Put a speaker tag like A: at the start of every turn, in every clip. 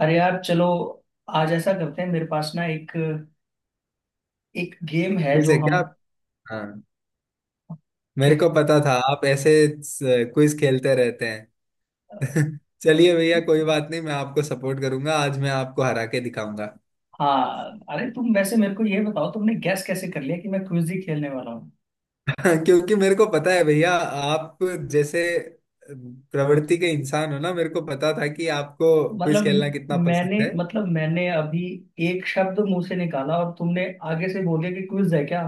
A: अरे यार, चलो। आज ऐसा करते हैं, मेरे पास ना एक एक गेम है
B: क्विज
A: जो
B: है
A: हम।
B: क्या आप? हाँ।
A: क्या?
B: मेरे को पता था आप ऐसे क्विज खेलते रहते हैं। चलिए भैया, कोई बात नहीं, मैं आपको सपोर्ट करूंगा। आज मैं आपको हरा के दिखाऊंगा।
A: हाँ, अरे तुम वैसे मेरे को ये बताओ, तुमने गैस कैसे कर लिया कि मैं क्विज ही खेलने वाला हूँ?
B: क्योंकि मेरे को पता है भैया, आप जैसे प्रवृत्ति के इंसान हो ना, मेरे को पता था कि आपको क्विज
A: मतलब
B: खेलना कितना
A: मैंने
B: पसंद है।
A: मतलब मैंने अभी एक शब्द मुंह से निकाला और तुमने आगे से बोले कि क्विज है क्या।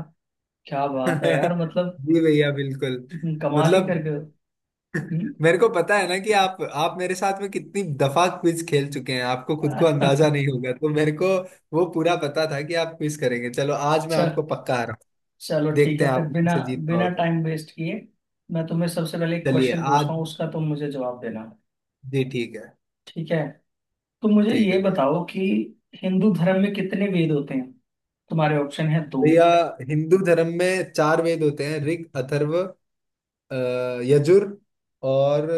A: क्या बात है यार, मतलब
B: जी भैया, बिल्कुल।
A: कमाल ही कर
B: मतलब
A: गए हो। हम्म।
B: मेरे को पता है ना कि आप मेरे साथ में कितनी दफा क्विज खेल चुके हैं, आपको खुद को अंदाजा नहीं होगा, तो मेरे को वो पूरा पता था कि आप क्विज करेंगे। चलो, आज मैं
A: चल
B: आपको पक्का हरा रहा।
A: चलो ठीक
B: देखते
A: है,
B: हैं
A: फिर
B: आप मेरे
A: बिना
B: से जीत
A: बिना
B: पाओ तो।
A: टाइम वेस्ट किए मैं तुम्हें सबसे पहले एक
B: चलिए
A: क्वेश्चन पूछता हूँ,
B: आज।
A: उसका तुम मुझे जवाब देना।
B: जी ठीक है।
A: ठीक है, तो मुझे
B: ठीक है
A: ये
B: भैया।
A: बताओ कि हिंदू धर्म में कितने वेद होते हैं। तुम्हारे ऑप्शन है दो।
B: भैया, हिंदू धर्म में 4 वेद होते हैं। ऋग, अथर्व, अ, यजुर और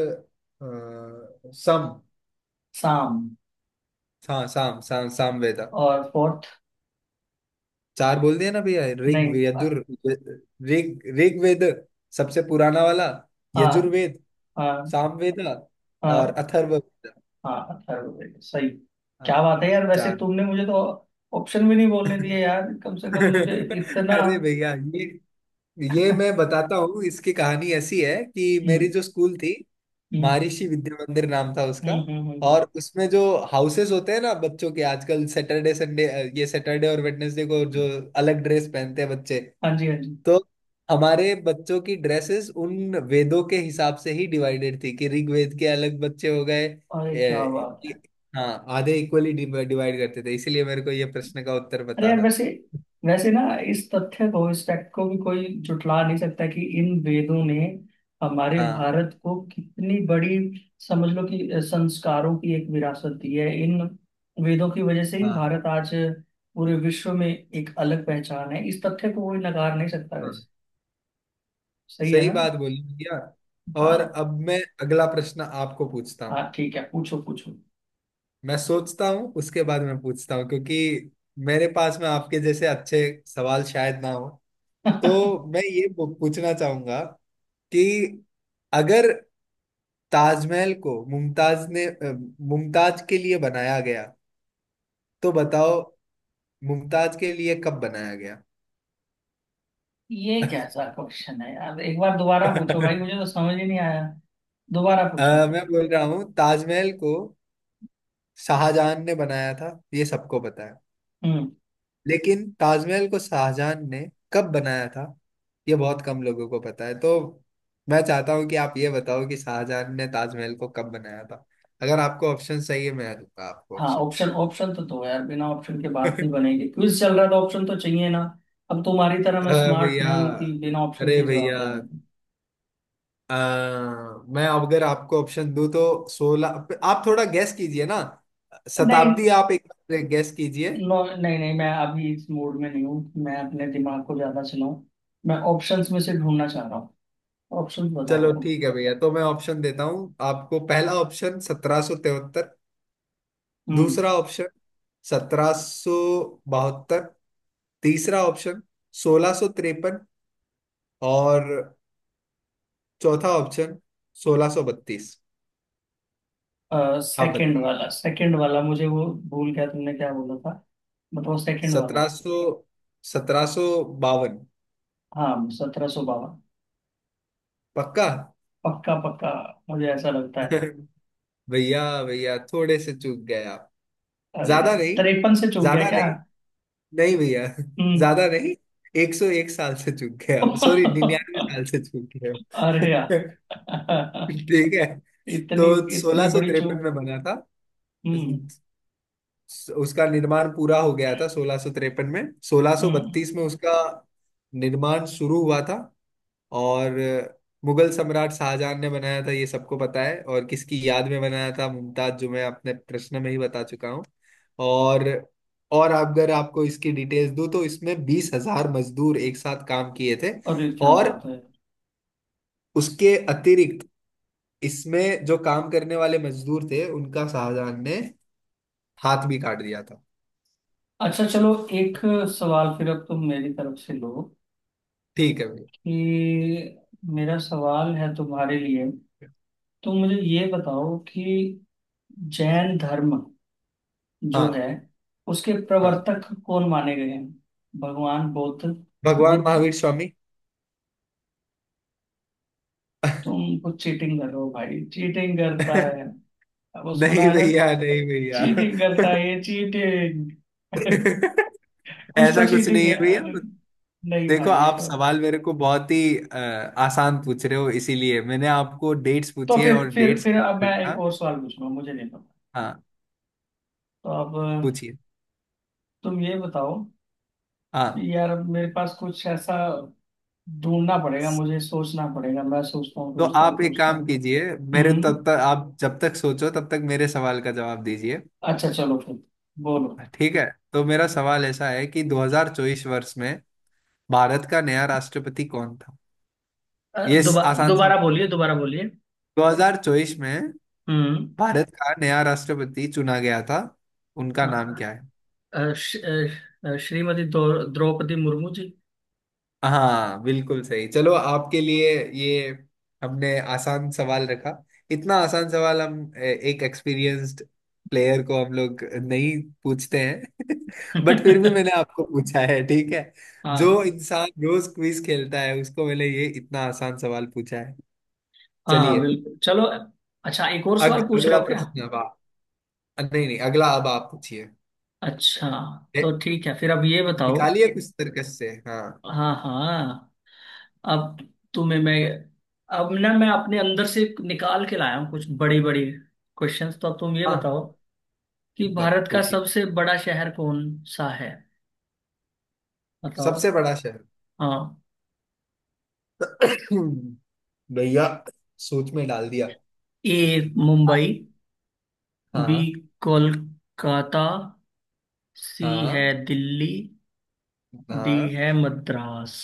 B: साम।
A: साम
B: हाँ, साम, साम वेद।
A: और फोर्थ?
B: चार बोल दिया ना भैया, ऋग,
A: नहीं।
B: यजुर। ऋग, ऋग्वेद, सबसे पुराना वाला।
A: हाँ।
B: यजुर्वेद,
A: हाँ।
B: सामवेद और
A: हाँ।
B: अथर्ववेद।
A: हाँ, अथर्ववेद सही। क्या
B: हाँ,
A: बात है यार, वैसे
B: चार।
A: तुमने मुझे तो ऑप्शन भी नहीं बोलने दिए यार, कम से कम मुझे इतना।
B: अरे भैया, ये मैं बताता हूँ। इसकी कहानी ऐसी है कि मेरी
A: हम्म,
B: जो स्कूल थी,
A: हम्म,
B: महर्षि विद्या मंदिर नाम था उसका।
A: हम्म, हम्म,
B: और उसमें जो हाउसेस होते हैं ना बच्चों के, आजकल सैटरडे, संडे, ये सैटरडे और वेडनेसडे को जो अलग ड्रेस पहनते हैं बच्चे,
A: हाँ जी, हाँ जी।
B: तो हमारे बच्चों की ड्रेसेस उन वेदों के हिसाब से ही डिवाइडेड थी कि ऋग्वेद के अलग बच्चे हो गए।
A: अरे क्या
B: ए,
A: बात है।
B: ए- हाँ, आधे इक्वली डिवाइड करते थे, इसीलिए मेरे को ये प्रश्न का उत्तर
A: अरे
B: पता
A: यार,
B: था।
A: वैसे वैसे ना इस तथ्य को, इस फैक्ट को भी कोई जुटला नहीं सकता कि इन वेदों ने हमारे
B: हाँ।
A: भारत को कितनी बड़ी, समझ लो कि संस्कारों की एक विरासत दी है। इन वेदों की वजह से ही
B: हाँ।
A: भारत आज पूरे विश्व में एक अलग पहचान है। इस तथ्य को कोई नकार नहीं सकता।
B: हाँ,
A: वैसे सही है
B: सही
A: ना।
B: बात बोली भैया। और
A: हाँ
B: अब मैं अगला प्रश्न आपको पूछता हूँ।
A: हाँ, ठीक है, पूछो पूछो।
B: मैं सोचता हूँ, उसके बाद मैं पूछता हूँ क्योंकि मेरे पास में आपके जैसे अच्छे सवाल शायद ना हो। तो मैं ये पूछना चाहूंगा कि अगर ताजमहल को मुमताज ने मुमताज के लिए बनाया गया, तो बताओ मुमताज के लिए कब बनाया गया।
A: ये कैसा क्वेश्चन है यार, एक बार दोबारा पूछो भाई, मुझे तो समझ ही नहीं आया। दोबारा पूछो।
B: मैं बोल रहा हूँ ताजमहल को शाहजहां ने बनाया था, ये सबको पता है।
A: हम्म।
B: लेकिन ताजमहल को शाहजहां ने कब बनाया था ये बहुत कम लोगों को पता है। तो मैं चाहता हूँ कि आप ये बताओ कि शाहजहां ने ताजमहल को कब बनाया था। अगर आपको ऑप्शन चाहिए, मैं दूंगा आपको
A: हाँ,
B: ऑप्शंस।
A: ऑप्शन ऑप्शन तो दो यार, बिना ऑप्शन के बात नहीं बनेगी, क्विज चल रहा है तो ऑप्शन तो चाहिए ना। अब तुम्हारी तरह मैं
B: अरे
A: स्मार्ट
B: भैया,
A: नहीं हूँ कि बिना ऑप्शन के
B: अरे
A: ही जवाब
B: भैया,
A: दे दें।
B: अ, मैं अब अगर आपको ऑप्शन दूं तो सोलह, आप थोड़ा गैस कीजिए ना,
A: नहीं,
B: शताब्दी आप एक बार गैस कीजिए।
A: नो, नहीं नहीं, मैं अभी इस मूड में नहीं हूँ मैं अपने दिमाग को ज्यादा चलाऊं। मैं ऑप्शंस में से ढूंढना चाह रहा हूँ। ऑप्शंस बताओ
B: चलो
A: तुम।
B: ठीक है भैया, तो मैं ऑप्शन देता हूँ आपको। पहला ऑप्शन, 1773।
A: हम्म।
B: दूसरा ऑप्शन, 1772। तीसरा ऑप्शन, 1653। और चौथा ऑप्शन, 1632। आप
A: सेकंड
B: बताइए।
A: वाला, सेकंड वाला, मुझे वो भूल गया तुमने क्या बोला था। बताओ सेकंड वाला।
B: सत्रह सौ, 1752।
A: हाँ, 1752।
B: पक्का?
A: पक्का पक्का, मुझे ऐसा लगता है।
B: भैया, भैया, थोड़े से चूक गए आप।
A: अरे,
B: ज्यादा नहीं,
A: तिरपन से चूक गया
B: ज्यादा
A: क्या?
B: नहीं। नहीं भैया।
A: हम्म।
B: ज्यादा नहीं। 101 साल से चूक गए आप,
A: अरे
B: सॉरी, 99 साल से चूक गए
A: यार,
B: आप। ठीक है।
A: इतनी
B: तो
A: इतनी
B: सोलह सौ
A: बड़ी
B: तिरपन
A: चूक।
B: में बना था,
A: हम्म।
B: उसका निर्माण पूरा हो गया था 1653 में। सोलह सौ
A: हम्म।
B: बत्तीस में उसका निर्माण शुरू हुआ था। और मुगल सम्राट शाहजहां ने बनाया था, ये सबको पता है। और किसकी याद में बनाया था, मुमताज, जो मैं अपने प्रश्न में ही बता चुका हूँ। और और अगर आपको इसकी डिटेल्स दूं तो इसमें 20 हज़ार मजदूर एक साथ काम किए थे।
A: अरे क्या
B: और
A: बात है।
B: उसके अतिरिक्त, इसमें जो काम करने वाले मजदूर थे, उनका शाहजहां ने हाथ भी काट दिया था।
A: अच्छा चलो, एक सवाल फिर अब तुम मेरी तरफ से लो
B: ठीक है भैया।
A: कि मेरा सवाल है तुम्हारे लिए, तो मुझे ये बताओ कि जैन धर्म जो है,
B: हाँ।
A: उसके
B: हाँ,
A: प्रवर्तक कौन माने गए हैं? भगवान बुद्ध।
B: भगवान
A: बुद्ध।
B: महावीर स्वामी।
A: तुम कुछ चीटिंग कर रहे हो भाई, चीटिंग करता है वो सुना
B: नहीं
A: है ना,
B: भैया, नहीं भैया।
A: चीटिंग करता है ये, चीटिंग। कुछ
B: ऐसा
A: तो
B: कुछ
A: चीटिंग
B: नहीं है
A: है। अरे
B: भैया।
A: नहीं
B: देखो,
A: भाई, ये
B: आप
A: तो।
B: सवाल मेरे को बहुत ही आसान पूछ रहे हो, इसीलिए मैंने आपको डेट्स
A: तो
B: पूछी है,
A: फिर
B: और
A: फिर
B: डेट्स
A: फिर
B: याद
A: अब मैं
B: रखना।
A: एक और सवाल पूछूंगा, मुझे नहीं पता।
B: हाँ।
A: तो अब
B: पूछिए।
A: तुम ये बताओ।
B: हाँ,
A: यार अब मेरे पास कुछ ऐसा ढूंढना पड़ेगा, मुझे सोचना पड़ेगा। मैं सोचता हूँ
B: तो
A: सोचता हूँ
B: आप एक
A: सोचता हूँ।
B: काम कीजिए, मेरे
A: हम्म।
B: तब तक आप जब तक सोचो, तब तक मेरे सवाल का जवाब दीजिए।
A: अच्छा चलो फिर, बोलो।
B: ठीक है। तो मेरा सवाल ऐसा है कि 2024 वर्ष में भारत का नया राष्ट्रपति कौन था।
A: अ,
B: ये
A: दोबा
B: आसान
A: दोबारा
B: सवाल है।
A: बोलिए, दोबारा बोलिए।
B: 2024 में
A: हम्म।
B: भारत का नया राष्ट्रपति चुना गया था, उनका नाम
A: हाँ,
B: क्या है?
A: अ, श- श्रीमती द्रौपदी मुर्मू जी।
B: हाँ, बिल्कुल सही। चलो, आपके लिए ये हमने आसान सवाल रखा। इतना आसान सवाल हम एक एक्सपीरियंस्ड प्लेयर को हम लोग नहीं पूछते हैं। बट फिर भी मैंने आपको पूछा है, ठीक है? जो
A: हाँ,
B: इंसान रोज क्विज खेलता है, उसको मैंने ये इतना आसान सवाल पूछा है।
A: हाँ, हाँ,
B: चलिए।
A: बिल्कुल चलो। अच्छा, एक और
B: अग,
A: सवाल पूछ रहे
B: अगला
A: हो क्या?
B: प्रश्न अब आप, नहीं नहीं, अगला अब आप पूछिए।
A: अच्छा,
B: ए,
A: तो ठीक है फिर अब ये बताओ।
B: निकालिए कुछ तर्कश से। हाँ,
A: हाँ हाँ। अब तुम्हें मैं, अब ना मैं अपने अंदर से निकाल के लाया हूँ कुछ बड़ी बड़ी क्वेश्चंस, तो अब तुम ये
B: हाँ,
A: बताओ कि
B: बत
A: भारत का
B: पूछिए।
A: सबसे बड़ा शहर कौन सा है। बताओ।
B: सबसे बड़ा शहर?
A: हाँ।
B: भैया, सोच में डाल दिया।
A: ए मुंबई, बी
B: हाँ।
A: कोलकाता, सी है
B: हाँ।
A: दिल्ली, डी
B: हाँ।
A: है मद्रास।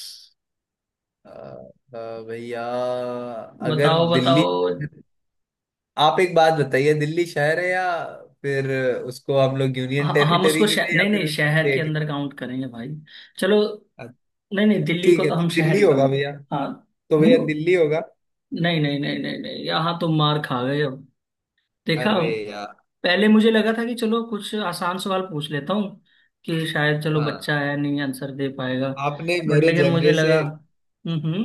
B: अ, भैया, अगर
A: बताओ
B: दिल्ली,
A: बताओ।
B: आप एक बात बताइए, दिल्ली शहर है या फिर उसको हम लोग यूनियन
A: हम
B: टेरिटरी
A: उसको
B: की थे, या
A: नहीं नहीं,
B: फिर उसको
A: शहर के
B: स्टेट?
A: अंदर काउंट करेंगे भाई। चलो, नहीं नहीं, दिल्ली को
B: ठीक है,
A: तो
B: तो
A: हम शहर
B: दिल्ली
A: ही
B: होगा
A: काउंट।
B: भैया।
A: हाँ।
B: तो भैया,
A: हम्म,
B: दिल्ली होगा।
A: नहीं नहीं नहीं नहीं नहीं, यहाँ तो मार खा गए अब। देखा,
B: अरे यार।
A: पहले मुझे लगा था कि चलो कुछ आसान सवाल पूछ लेता हूँ कि शायद चलो
B: हाँ।
A: बच्चा है, नहीं आंसर दे पाएगा।
B: आपने
A: बट
B: मेरे
A: लेकिन मुझे
B: जनरे से,
A: लगा, हम्म, हम्म,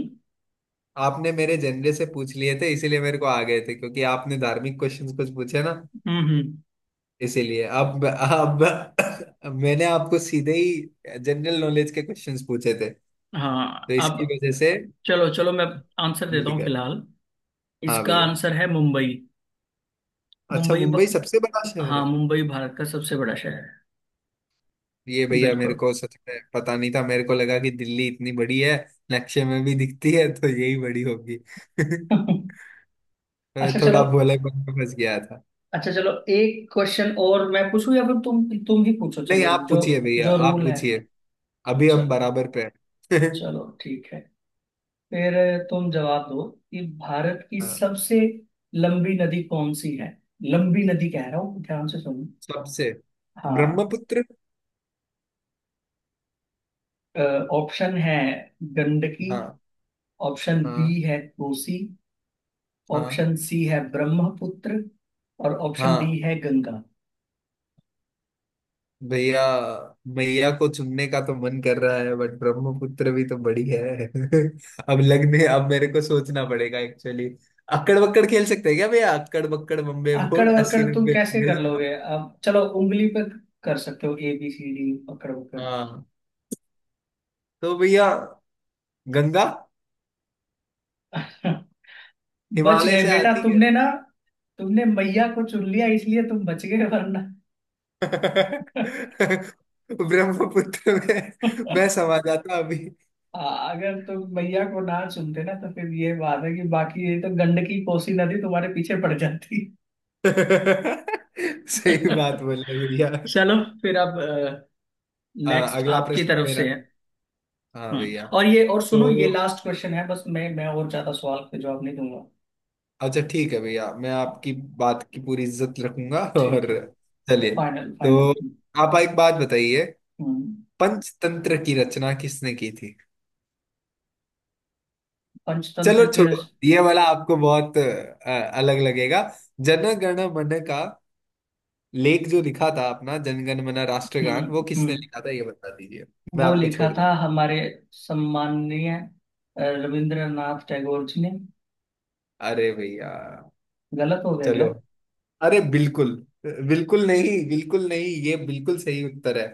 B: आपने मेरे जनरे से पूछ लिए थे, इसीलिए मेरे को आ गए थे क्योंकि आपने धार्मिक क्वेश्चंस कुछ पूछे ना,
A: हम्म,
B: इसीलिए अब, अब मैंने आपको सीधे ही जनरल नॉलेज के क्वेश्चंस पूछे थे, तो
A: हाँ
B: इसकी
A: अब।
B: वजह से
A: चलो चलो, मैं आंसर
B: छूट
A: देता हूँ
B: गए।
A: फिलहाल।
B: हाँ
A: इसका
B: भैया।
A: आंसर है मुंबई।
B: अच्छा,
A: मुंबई
B: मुंबई सबसे बड़ा शहर
A: हाँ,
B: है?
A: मुंबई भारत का सबसे बड़ा शहर है।
B: ये भैया, मेरे
A: बिल्कुल।
B: को सच में पता नहीं था। मेरे को लगा कि दिल्ली इतनी बड़ी है, नक्शे में भी दिखती है, तो यही बड़ी होगी। मैं
A: अच्छा चलो
B: थोड़ा भोलेपन में फंस गया था।
A: अच्छा चलो एक क्वेश्चन और मैं पूछूं या फिर तुम ही पूछो,
B: नहीं,
A: चलो
B: आप
A: जो
B: पूछिए भैया,
A: जो
B: आप
A: रूल है।
B: पूछिए। अभी हम
A: चलो,
B: बराबर पे हैं।
A: चलो ठीक है फिर, तुम जवाब दो कि भारत की
B: हाँ।
A: सबसे लंबी नदी कौन सी है। लंबी नदी कह रहा हूँ, ध्यान से सुनो।
B: सबसे,
A: हाँ,
B: ब्रह्मपुत्र।
A: ऑप्शन है गंडकी,
B: हाँ।
A: ऑप्शन बी
B: हाँ।
A: है कोसी,
B: हाँ।
A: ऑप्शन सी है ब्रह्मपुत्र, और ऑप्शन डी
B: हाँ
A: है गंगा।
B: भैया, भैया को चुनने का तो मन कर रहा है, बट ब्रह्मपुत्र भी तो बड़ी है। अब लगने, अब मेरे को सोचना पड़ेगा एक्चुअली। अक्कड़ बक्कड़ खेल सकते हैं क्या भैया, अक्कड़ बक्कड़ बम्बे
A: अकड़
B: बोर्ड,
A: अकड़
B: अस्सी
A: तुम
B: नब्बे
A: कैसे
B: पूरे
A: कर
B: सब।
A: लोगे? अब चलो उंगली पे कर सकते हो ए बी सी डी अकड़ उकड़।
B: हाँ, तो भैया, गंगा
A: बच
B: हिमालय
A: गए
B: से
A: बेटा
B: आती है।
A: तुमने ना, तुमने मैया को चुन लिया, इसलिए तुम बच गए वरना।
B: ब्रह्मपुत्र में मैं समा जाता अभी।
A: आ, अगर तुम मैया को ना चुनते ना, तो फिर ये बात है कि बाकी ये तो गंडकी कोसी नदी तुम्हारे पीछे पड़ जाती।
B: सही बात बोले भैया।
A: चलो फिर अब नेक्स्ट
B: अगला
A: आपकी
B: प्रश्न
A: तरफ से
B: मेरा।
A: है।
B: हाँ
A: हम्म,
B: भैया।
A: और ये और सुनो, ये
B: तो
A: लास्ट क्वेश्चन है बस, मैं और ज्यादा सवाल पे जवाब नहीं दूंगा।
B: अच्छा, ठीक है भैया, मैं आपकी बात की पूरी इज्जत रखूंगा। और
A: ठीक है,
B: चलिए।
A: Final final.
B: तो आप एक बात बताइए,
A: हम्म।
B: पंचतंत्र की रचना किसने की थी?
A: पंचतंत्र
B: चलो
A: की
B: छोड़ो,
A: रच।
B: ये वाला आपको बहुत अलग लगेगा। जन गण मन का लेख जो लिखा था, अपना जनगण मन
A: हम्म।
B: राष्ट्रगान, वो किसने
A: हम्म,
B: लिखा था ये बता दीजिए, मैं
A: वो
B: आपको
A: लिखा
B: छोड़
A: था
B: दूंगा।
A: हमारे सम्माननीय रविंद्रनाथ टैगोर जी ने।
B: अरे भैया,
A: गलत हो गया
B: चलो।
A: क्या?
B: अरे बिल्कुल, बिल्कुल नहीं, बिल्कुल नहीं, ये बिल्कुल सही उत्तर है।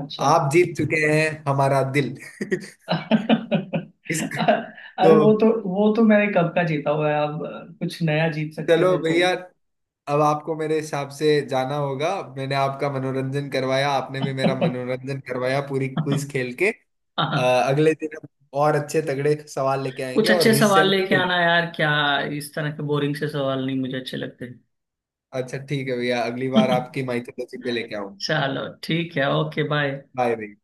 A: अच्छा।
B: आप जीत चुके हैं हमारा दिल। इस, तो
A: अरे वो तो मैंने कब का जीता हुआ है, अब कुछ नया जीत सकते
B: चलो
A: थे तो।
B: भैया, अब आपको मेरे हिसाब से जाना होगा। मैंने आपका मनोरंजन करवाया, आपने भी मेरा मनोरंजन करवाया, पूरी क्विज खेल के।
A: हाँ,
B: अ, अगले दिन हम और अच्छे तगड़े सवाल लेके आएंगे
A: कुछ
B: और
A: अच्छे सवाल
B: रिसेंट।
A: लेके आना यार, क्या इस तरह के बोरिंग से सवाल नहीं मुझे अच्छे लगते।
B: अच्छा ठीक है भैया, अगली बार आपकी माइथोलॉजी पे लेके आऊँ।
A: चलो ठीक है, ओके बाय।
B: बाय भैया।